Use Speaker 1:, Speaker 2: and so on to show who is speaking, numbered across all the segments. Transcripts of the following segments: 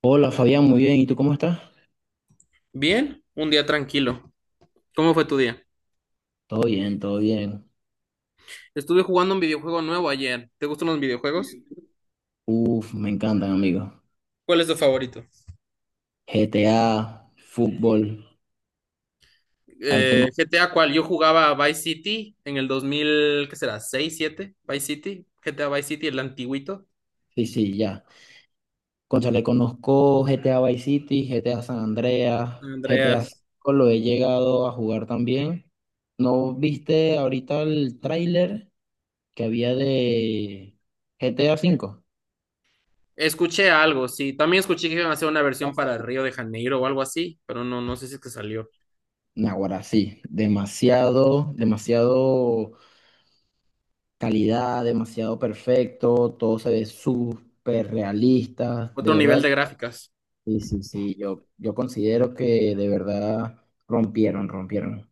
Speaker 1: Hola Fabián, muy bien. ¿Y tú cómo estás?
Speaker 2: Bien, un día tranquilo. ¿Cómo fue tu día?
Speaker 1: Todo bien, todo bien.
Speaker 2: Estuve jugando un videojuego nuevo ayer. ¿Te gustan los videojuegos?
Speaker 1: Uf, me encantan, amigos.
Speaker 2: ¿Cuál es tu favorito?
Speaker 1: GTA, fútbol. Ahí tengo.
Speaker 2: GTA, ¿cuál? Yo jugaba Vice City en el 2000, ¿qué será? 6 7 Vice City, GTA Vice City, el antiguito.
Speaker 1: Sí, sí, ya. Cónchale, conozco GTA Vice City, GTA San Andreas, GTA
Speaker 2: Andreas.
Speaker 1: 5 lo he llegado a jugar también. ¿No viste ahorita el tráiler que había de GTA 5?
Speaker 2: Escuché algo, sí. También escuché que iban a hacer una
Speaker 1: Ya
Speaker 2: versión para
Speaker 1: sé.
Speaker 2: Río de Janeiro o algo así, pero no, no sé si es que salió.
Speaker 1: Naguará, sí. Demasiado, demasiado calidad, demasiado perfecto, todo se ve súper realista, de
Speaker 2: Otro nivel
Speaker 1: verdad.
Speaker 2: de gráficas.
Speaker 1: Sí, sí, sí, yo considero que de verdad rompieron, rompieron.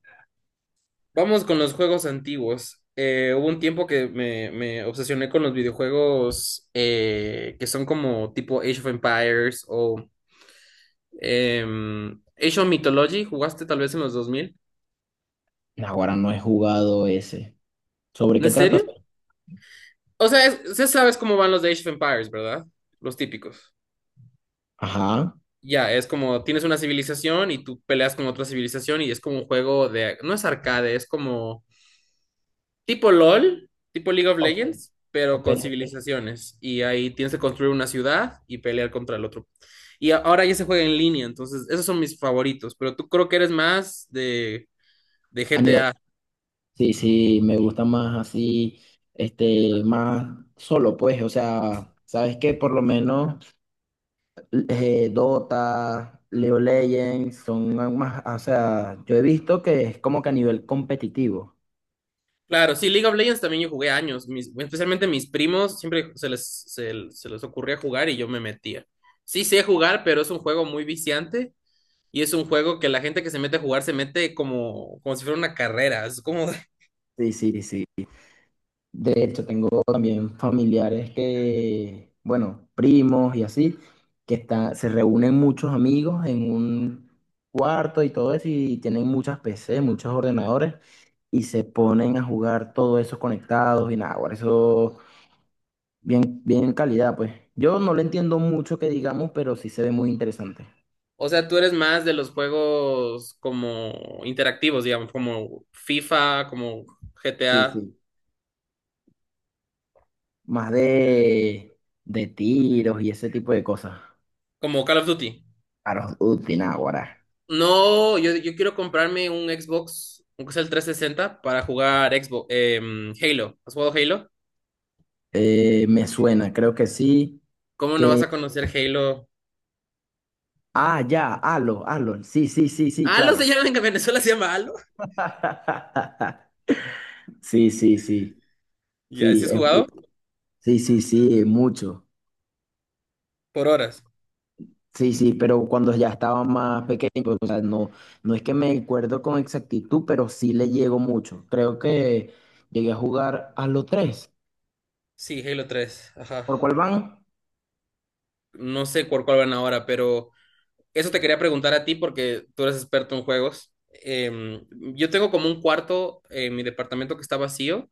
Speaker 2: Vamos con los juegos antiguos. Hubo un tiempo que me obsesioné con los videojuegos que son como tipo Age of Empires o Age of Mythology. ¿Jugaste tal vez en los dos mil?
Speaker 1: Ahora no he jugado ese. ¿Sobre qué
Speaker 2: ¿En
Speaker 1: trata?
Speaker 2: serio? O sea, sí sabes cómo van los de Age of Empires, ¿verdad? Los típicos.
Speaker 1: Ajá.
Speaker 2: Ya, es como tienes una civilización y tú peleas con otra civilización y es como un juego de, no es arcade, es como tipo LOL, tipo League of
Speaker 1: Ok,
Speaker 2: Legends, pero
Speaker 1: ok,
Speaker 2: con
Speaker 1: ok.
Speaker 2: civilizaciones. Y ahí tienes que construir una ciudad y pelear contra el otro. Ahora ya se juega en línea, entonces esos son mis favoritos, pero tú creo que eres más de
Speaker 1: A nivel-
Speaker 2: GTA.
Speaker 1: sí, sí, me gusta más así, este, más solo, pues, o sea, ¿sabes que por lo menos? Dota, League of Legends, son más, o sea, yo he visto que es como que a nivel competitivo.
Speaker 2: Claro, sí, League of Legends también yo jugué años, especialmente mis primos, siempre se les ocurría jugar y yo me metía. Sí sé jugar, pero es un juego muy viciante y es un juego que la gente que se mete a jugar se mete como si fuera una carrera, es como
Speaker 1: Sí, sí, sí. De hecho, tengo también familiares que, bueno, primos y así, que están, se reúnen muchos amigos en un cuarto y todo eso, y tienen muchas PC, muchos ordenadores, y se ponen a jugar todos esos conectados y nada, bueno, eso bien, bien calidad, pues. Yo no le entiendo mucho que digamos, pero sí se ve muy interesante.
Speaker 2: O sea, tú eres más de los juegos como interactivos, digamos, como FIFA, como
Speaker 1: Sí,
Speaker 2: GTA,
Speaker 1: sí. Más de tiros y ese tipo de cosas.
Speaker 2: como Call of Duty.
Speaker 1: Claro, Utináguara.
Speaker 2: No, yo quiero comprarme un Xbox, aunque sea el 360, para jugar Xbox, Halo. ¿Has jugado Halo?
Speaker 1: Me suena, creo que sí.
Speaker 2: ¿Cómo no vas
Speaker 1: Que.
Speaker 2: a conocer Halo?
Speaker 1: Ah, ya, Halo, Halo. Sí, sí, sí, sí,
Speaker 2: Halo
Speaker 1: claro.
Speaker 2: se llama en Venezuela, se llama Halo.
Speaker 1: Sí, sí, sí.
Speaker 2: Ya,
Speaker 1: Sí,
Speaker 2: ¿sí has jugado?
Speaker 1: sí, sí, sí, mucho.
Speaker 2: Por horas.
Speaker 1: Sí, sí, pero cuando ya estaba más pequeño, pues, o sea, no, no es que me acuerdo con exactitud, pero sí le llego mucho. Creo que llegué a jugar a los 3.
Speaker 2: Sí, Halo 3. Ajá.
Speaker 1: ¿Por cuál van?
Speaker 2: No sé por cuál van ahora, pero eso te quería preguntar a ti porque tú eres experto en juegos. Yo tengo como un cuarto en mi departamento que está vacío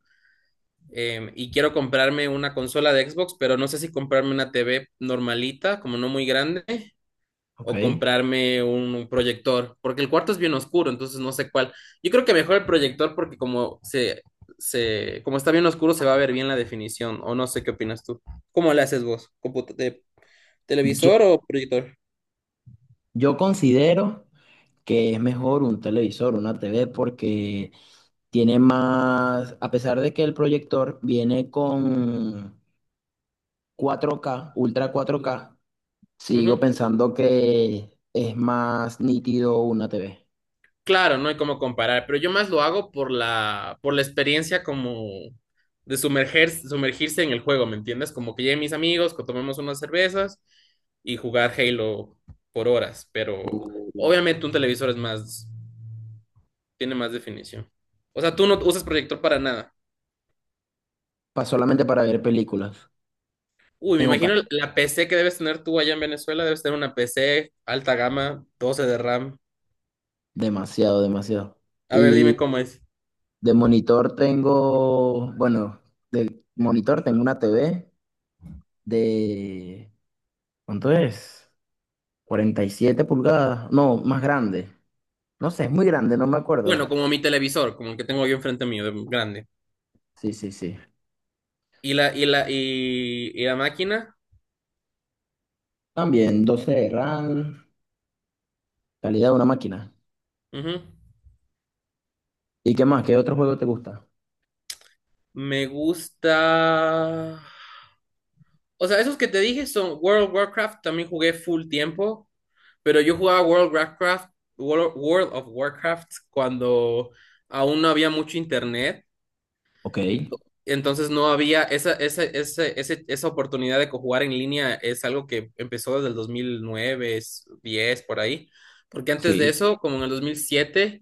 Speaker 2: y quiero comprarme una consola de Xbox, pero no sé si comprarme una TV normalita, como no muy grande,
Speaker 1: Ok.
Speaker 2: o comprarme un proyector, porque el cuarto es bien oscuro, entonces no sé cuál. Yo creo que mejor el proyector porque como está bien oscuro se va a ver bien la definición, o no sé qué opinas tú. ¿Cómo le haces vos? ¿Televisor o proyector?
Speaker 1: Yo considero que es mejor un televisor, una TV, porque tiene más, a pesar de que el proyector viene con 4K Ultra 4K, sigo pensando que es más nítido una TV.
Speaker 2: Claro, no hay cómo comparar, pero yo más lo hago por la experiencia como de sumergirse en el juego, ¿me entiendes? Como que lleguen mis amigos, que tomemos unas cervezas y jugar Halo por horas, pero obviamente un televisor es más, tiene más definición. O sea, tú no usas proyector para nada.
Speaker 1: Solamente para ver películas,
Speaker 2: Uy, me
Speaker 1: en
Speaker 2: imagino
Speaker 1: ocasión,
Speaker 2: la PC que debes tener tú allá en Venezuela, debes tener una PC alta gama, 12 de RAM.
Speaker 1: demasiado, demasiado.
Speaker 2: A ver, dime
Speaker 1: Y
Speaker 2: cómo es.
Speaker 1: de monitor tengo, bueno, de monitor tengo una TV de, ¿cuánto es? 47 pulgadas, no, más grande. No sé, es muy grande, no me acuerdo.
Speaker 2: Bueno, como mi televisor, como el que tengo yo enfrente mío, grande.
Speaker 1: Sí, sí, sí.
Speaker 2: Y la máquina.
Speaker 1: También 12 de RAM, calidad de una máquina.
Speaker 2: Ujú.
Speaker 1: ¿Y qué más? ¿Qué otro juego te gusta?
Speaker 2: Me gusta. O sea, esos que te dije son World of Warcraft, también jugué full tiempo, pero yo jugaba World of Warcraft cuando aún no había mucho internet,
Speaker 1: Ok,
Speaker 2: entonces no había esa oportunidad de jugar en línea, es algo que empezó desde el 2009 10 por ahí, porque antes de
Speaker 1: sí,
Speaker 2: eso, como en el 2007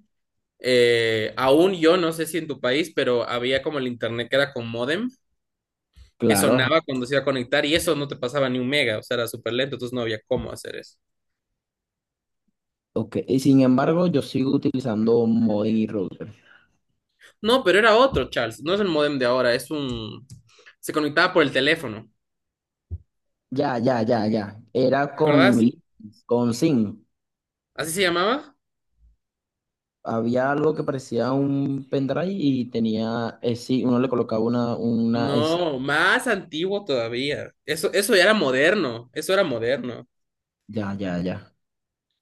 Speaker 2: aún yo no sé si en tu país, pero había como el internet que era con módem, que
Speaker 1: claro, ajá.
Speaker 2: sonaba cuando se iba a conectar y eso no te pasaba ni un mega, o sea, era súper lento, entonces no había cómo hacer eso.
Speaker 1: Ok, y sin embargo, yo sigo utilizando modem y router.
Speaker 2: No, pero era otro, Charles, no es el módem de ahora, es un. Se conectaba por el teléfono,
Speaker 1: Ya, ya, ya, ya. Era
Speaker 2: ¿te acordás?
Speaker 1: con SIM.
Speaker 2: ¿Así se llamaba?
Speaker 1: Había algo que parecía un pendrive y tenía sí. Uno le colocaba una sí.
Speaker 2: No, más antiguo todavía. Eso ya era moderno, eso era moderno.
Speaker 1: Ya, ya, ya.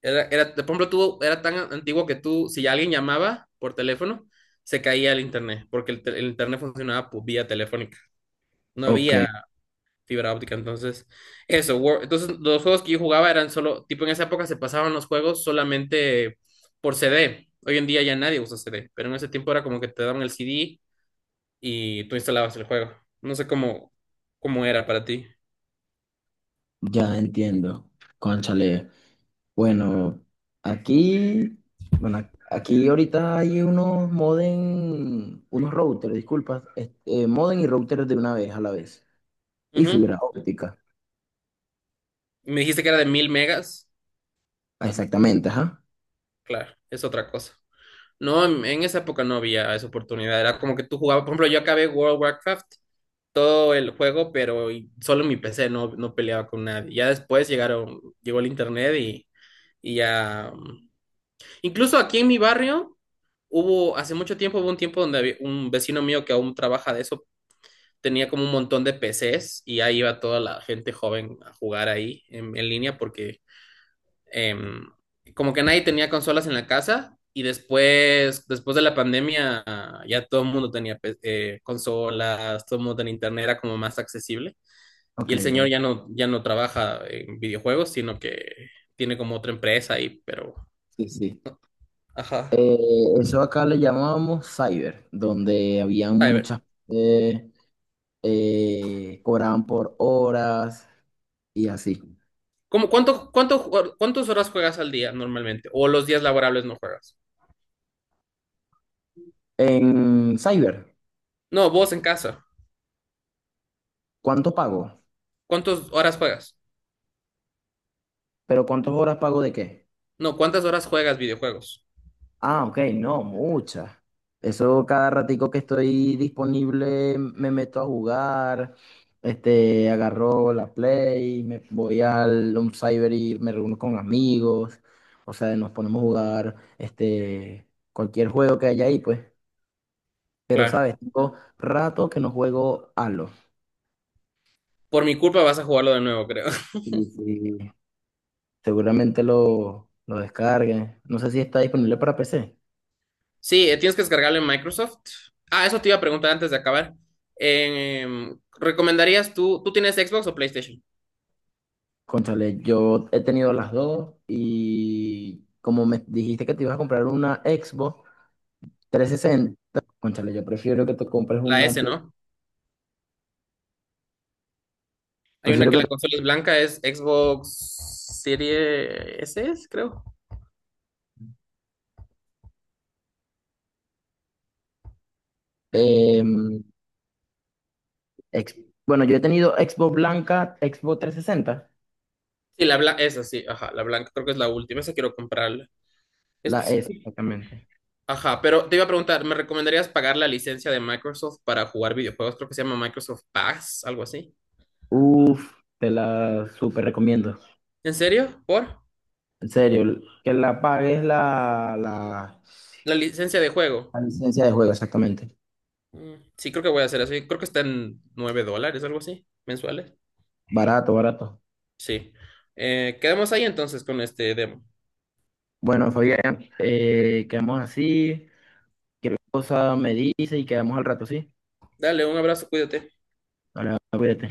Speaker 2: Era, por ejemplo, era tan antiguo que tú, si alguien llamaba por teléfono, se caía el internet, porque el internet funcionaba por vía telefónica. No
Speaker 1: Ok,
Speaker 2: había fibra óptica, entonces eso. Entonces los juegos que yo jugaba eran solo, tipo en esa época se pasaban los juegos solamente por CD. Hoy en día ya nadie usa CD, pero en ese tiempo era como que te daban el CD y tú instalabas el juego. No sé cómo era para ti.
Speaker 1: ya entiendo. Cónchale. Bueno, aquí, bueno, aquí ahorita hay unos modem, unos routers, disculpa, este, modem y routers de una vez a la vez. Y
Speaker 2: Ujú.
Speaker 1: fibra óptica.
Speaker 2: Me dijiste que era de 1.000 megas.
Speaker 1: Ah, exactamente, ajá.
Speaker 2: Claro, es otra cosa. No, en esa época no había esa oportunidad. Era como que tú jugabas, por ejemplo, yo acabé World of Warcraft todo el juego, pero solo mi PC no peleaba con nadie. Ya después llegó el internet y ya. Incluso aquí en mi barrio hubo, hace mucho tiempo, hubo un tiempo donde había un vecino mío que aún trabaja de eso, tenía como un montón de PCs y ahí iba toda la gente joven a jugar ahí en línea porque em, como que nadie tenía consolas en la casa. Y después, después de la pandemia, ya todo el mundo tenía consolas, todo el mundo tenía internet, era como más accesible.
Speaker 1: Ok,
Speaker 2: Y el señor
Speaker 1: ok.
Speaker 2: ya no, ya no trabaja en videojuegos, sino que tiene como otra empresa ahí, pero.
Speaker 1: Sí, sí.
Speaker 2: Ajá.
Speaker 1: Eh, Eso acá le llamábamos cyber, donde habían
Speaker 2: A ver.
Speaker 1: muchas, eh, cobraban por horas y así.
Speaker 2: ¿Cómo, cuánto, cuánto, ju- cuántas horas juegas al día normalmente? ¿O los días laborables no juegas?
Speaker 1: En cyber,
Speaker 2: No, vos en casa.
Speaker 1: ¿cuánto pago?
Speaker 2: ¿Cuántas horas juegas?
Speaker 1: ¿Pero cuántas horas pago de qué?
Speaker 2: No, ¿cuántas horas juegas videojuegos?
Speaker 1: Ah, ok, no, muchas. Eso cada ratico que estoy disponible me meto a jugar, este, agarro la Play, me voy al un cyber y me reúno con amigos, o sea, nos ponemos a jugar este, cualquier juego que haya ahí, pues. Pero,
Speaker 2: Claro.
Speaker 1: ¿sabes? Tengo rato que no juego Halo.
Speaker 2: Por mi culpa vas a jugarlo de nuevo, creo.
Speaker 1: Y, y seguramente lo descargue. No sé si está disponible para PC.
Speaker 2: Sí, tienes que descargarlo en Microsoft. Ah, eso te iba a preguntar antes de acabar. ¿Recomendarías tú tienes Xbox o PlayStation?
Speaker 1: Cónchale, yo he tenido las dos y como me dijiste que te ibas a comprar una Xbox 360. Cónchale, yo prefiero que te compres
Speaker 2: La
Speaker 1: una
Speaker 2: S,
Speaker 1: Play-
Speaker 2: ¿no? Hay una
Speaker 1: Prefiero
Speaker 2: que
Speaker 1: que
Speaker 2: la
Speaker 1: te-
Speaker 2: consola es blanca, es Xbox Series S, creo.
Speaker 1: em, ex- bueno, yo he tenido Xbox blanca, Xbox 360,
Speaker 2: Sí, la blanca, esa sí, ajá, la blanca, creo que es la última, esa quiero comprarla.
Speaker 1: la
Speaker 2: Sí,
Speaker 1: S
Speaker 2: sí.
Speaker 1: exactamente.
Speaker 2: Ajá, pero te iba a preguntar, ¿me recomendarías pagar la licencia de Microsoft para jugar videojuegos? Creo que se llama Microsoft Pass, algo así.
Speaker 1: Uf, te la súper recomiendo.
Speaker 2: ¿En serio? ¿Por?
Speaker 1: En serio, que la pagues la, la,
Speaker 2: La licencia de juego.
Speaker 1: la licencia de juego, exactamente.
Speaker 2: Mm, sí, creo que voy a hacer eso. Creo que está en $9, algo así, mensuales.
Speaker 1: Barato, barato.
Speaker 2: Sí. Quedamos ahí entonces con este demo.
Speaker 1: Bueno, Fabián, quedamos así. Cualquier cosa me dice y quedamos al rato, ¿sí?
Speaker 2: Dale, un abrazo, cuídate.
Speaker 1: Ahora, cuídate.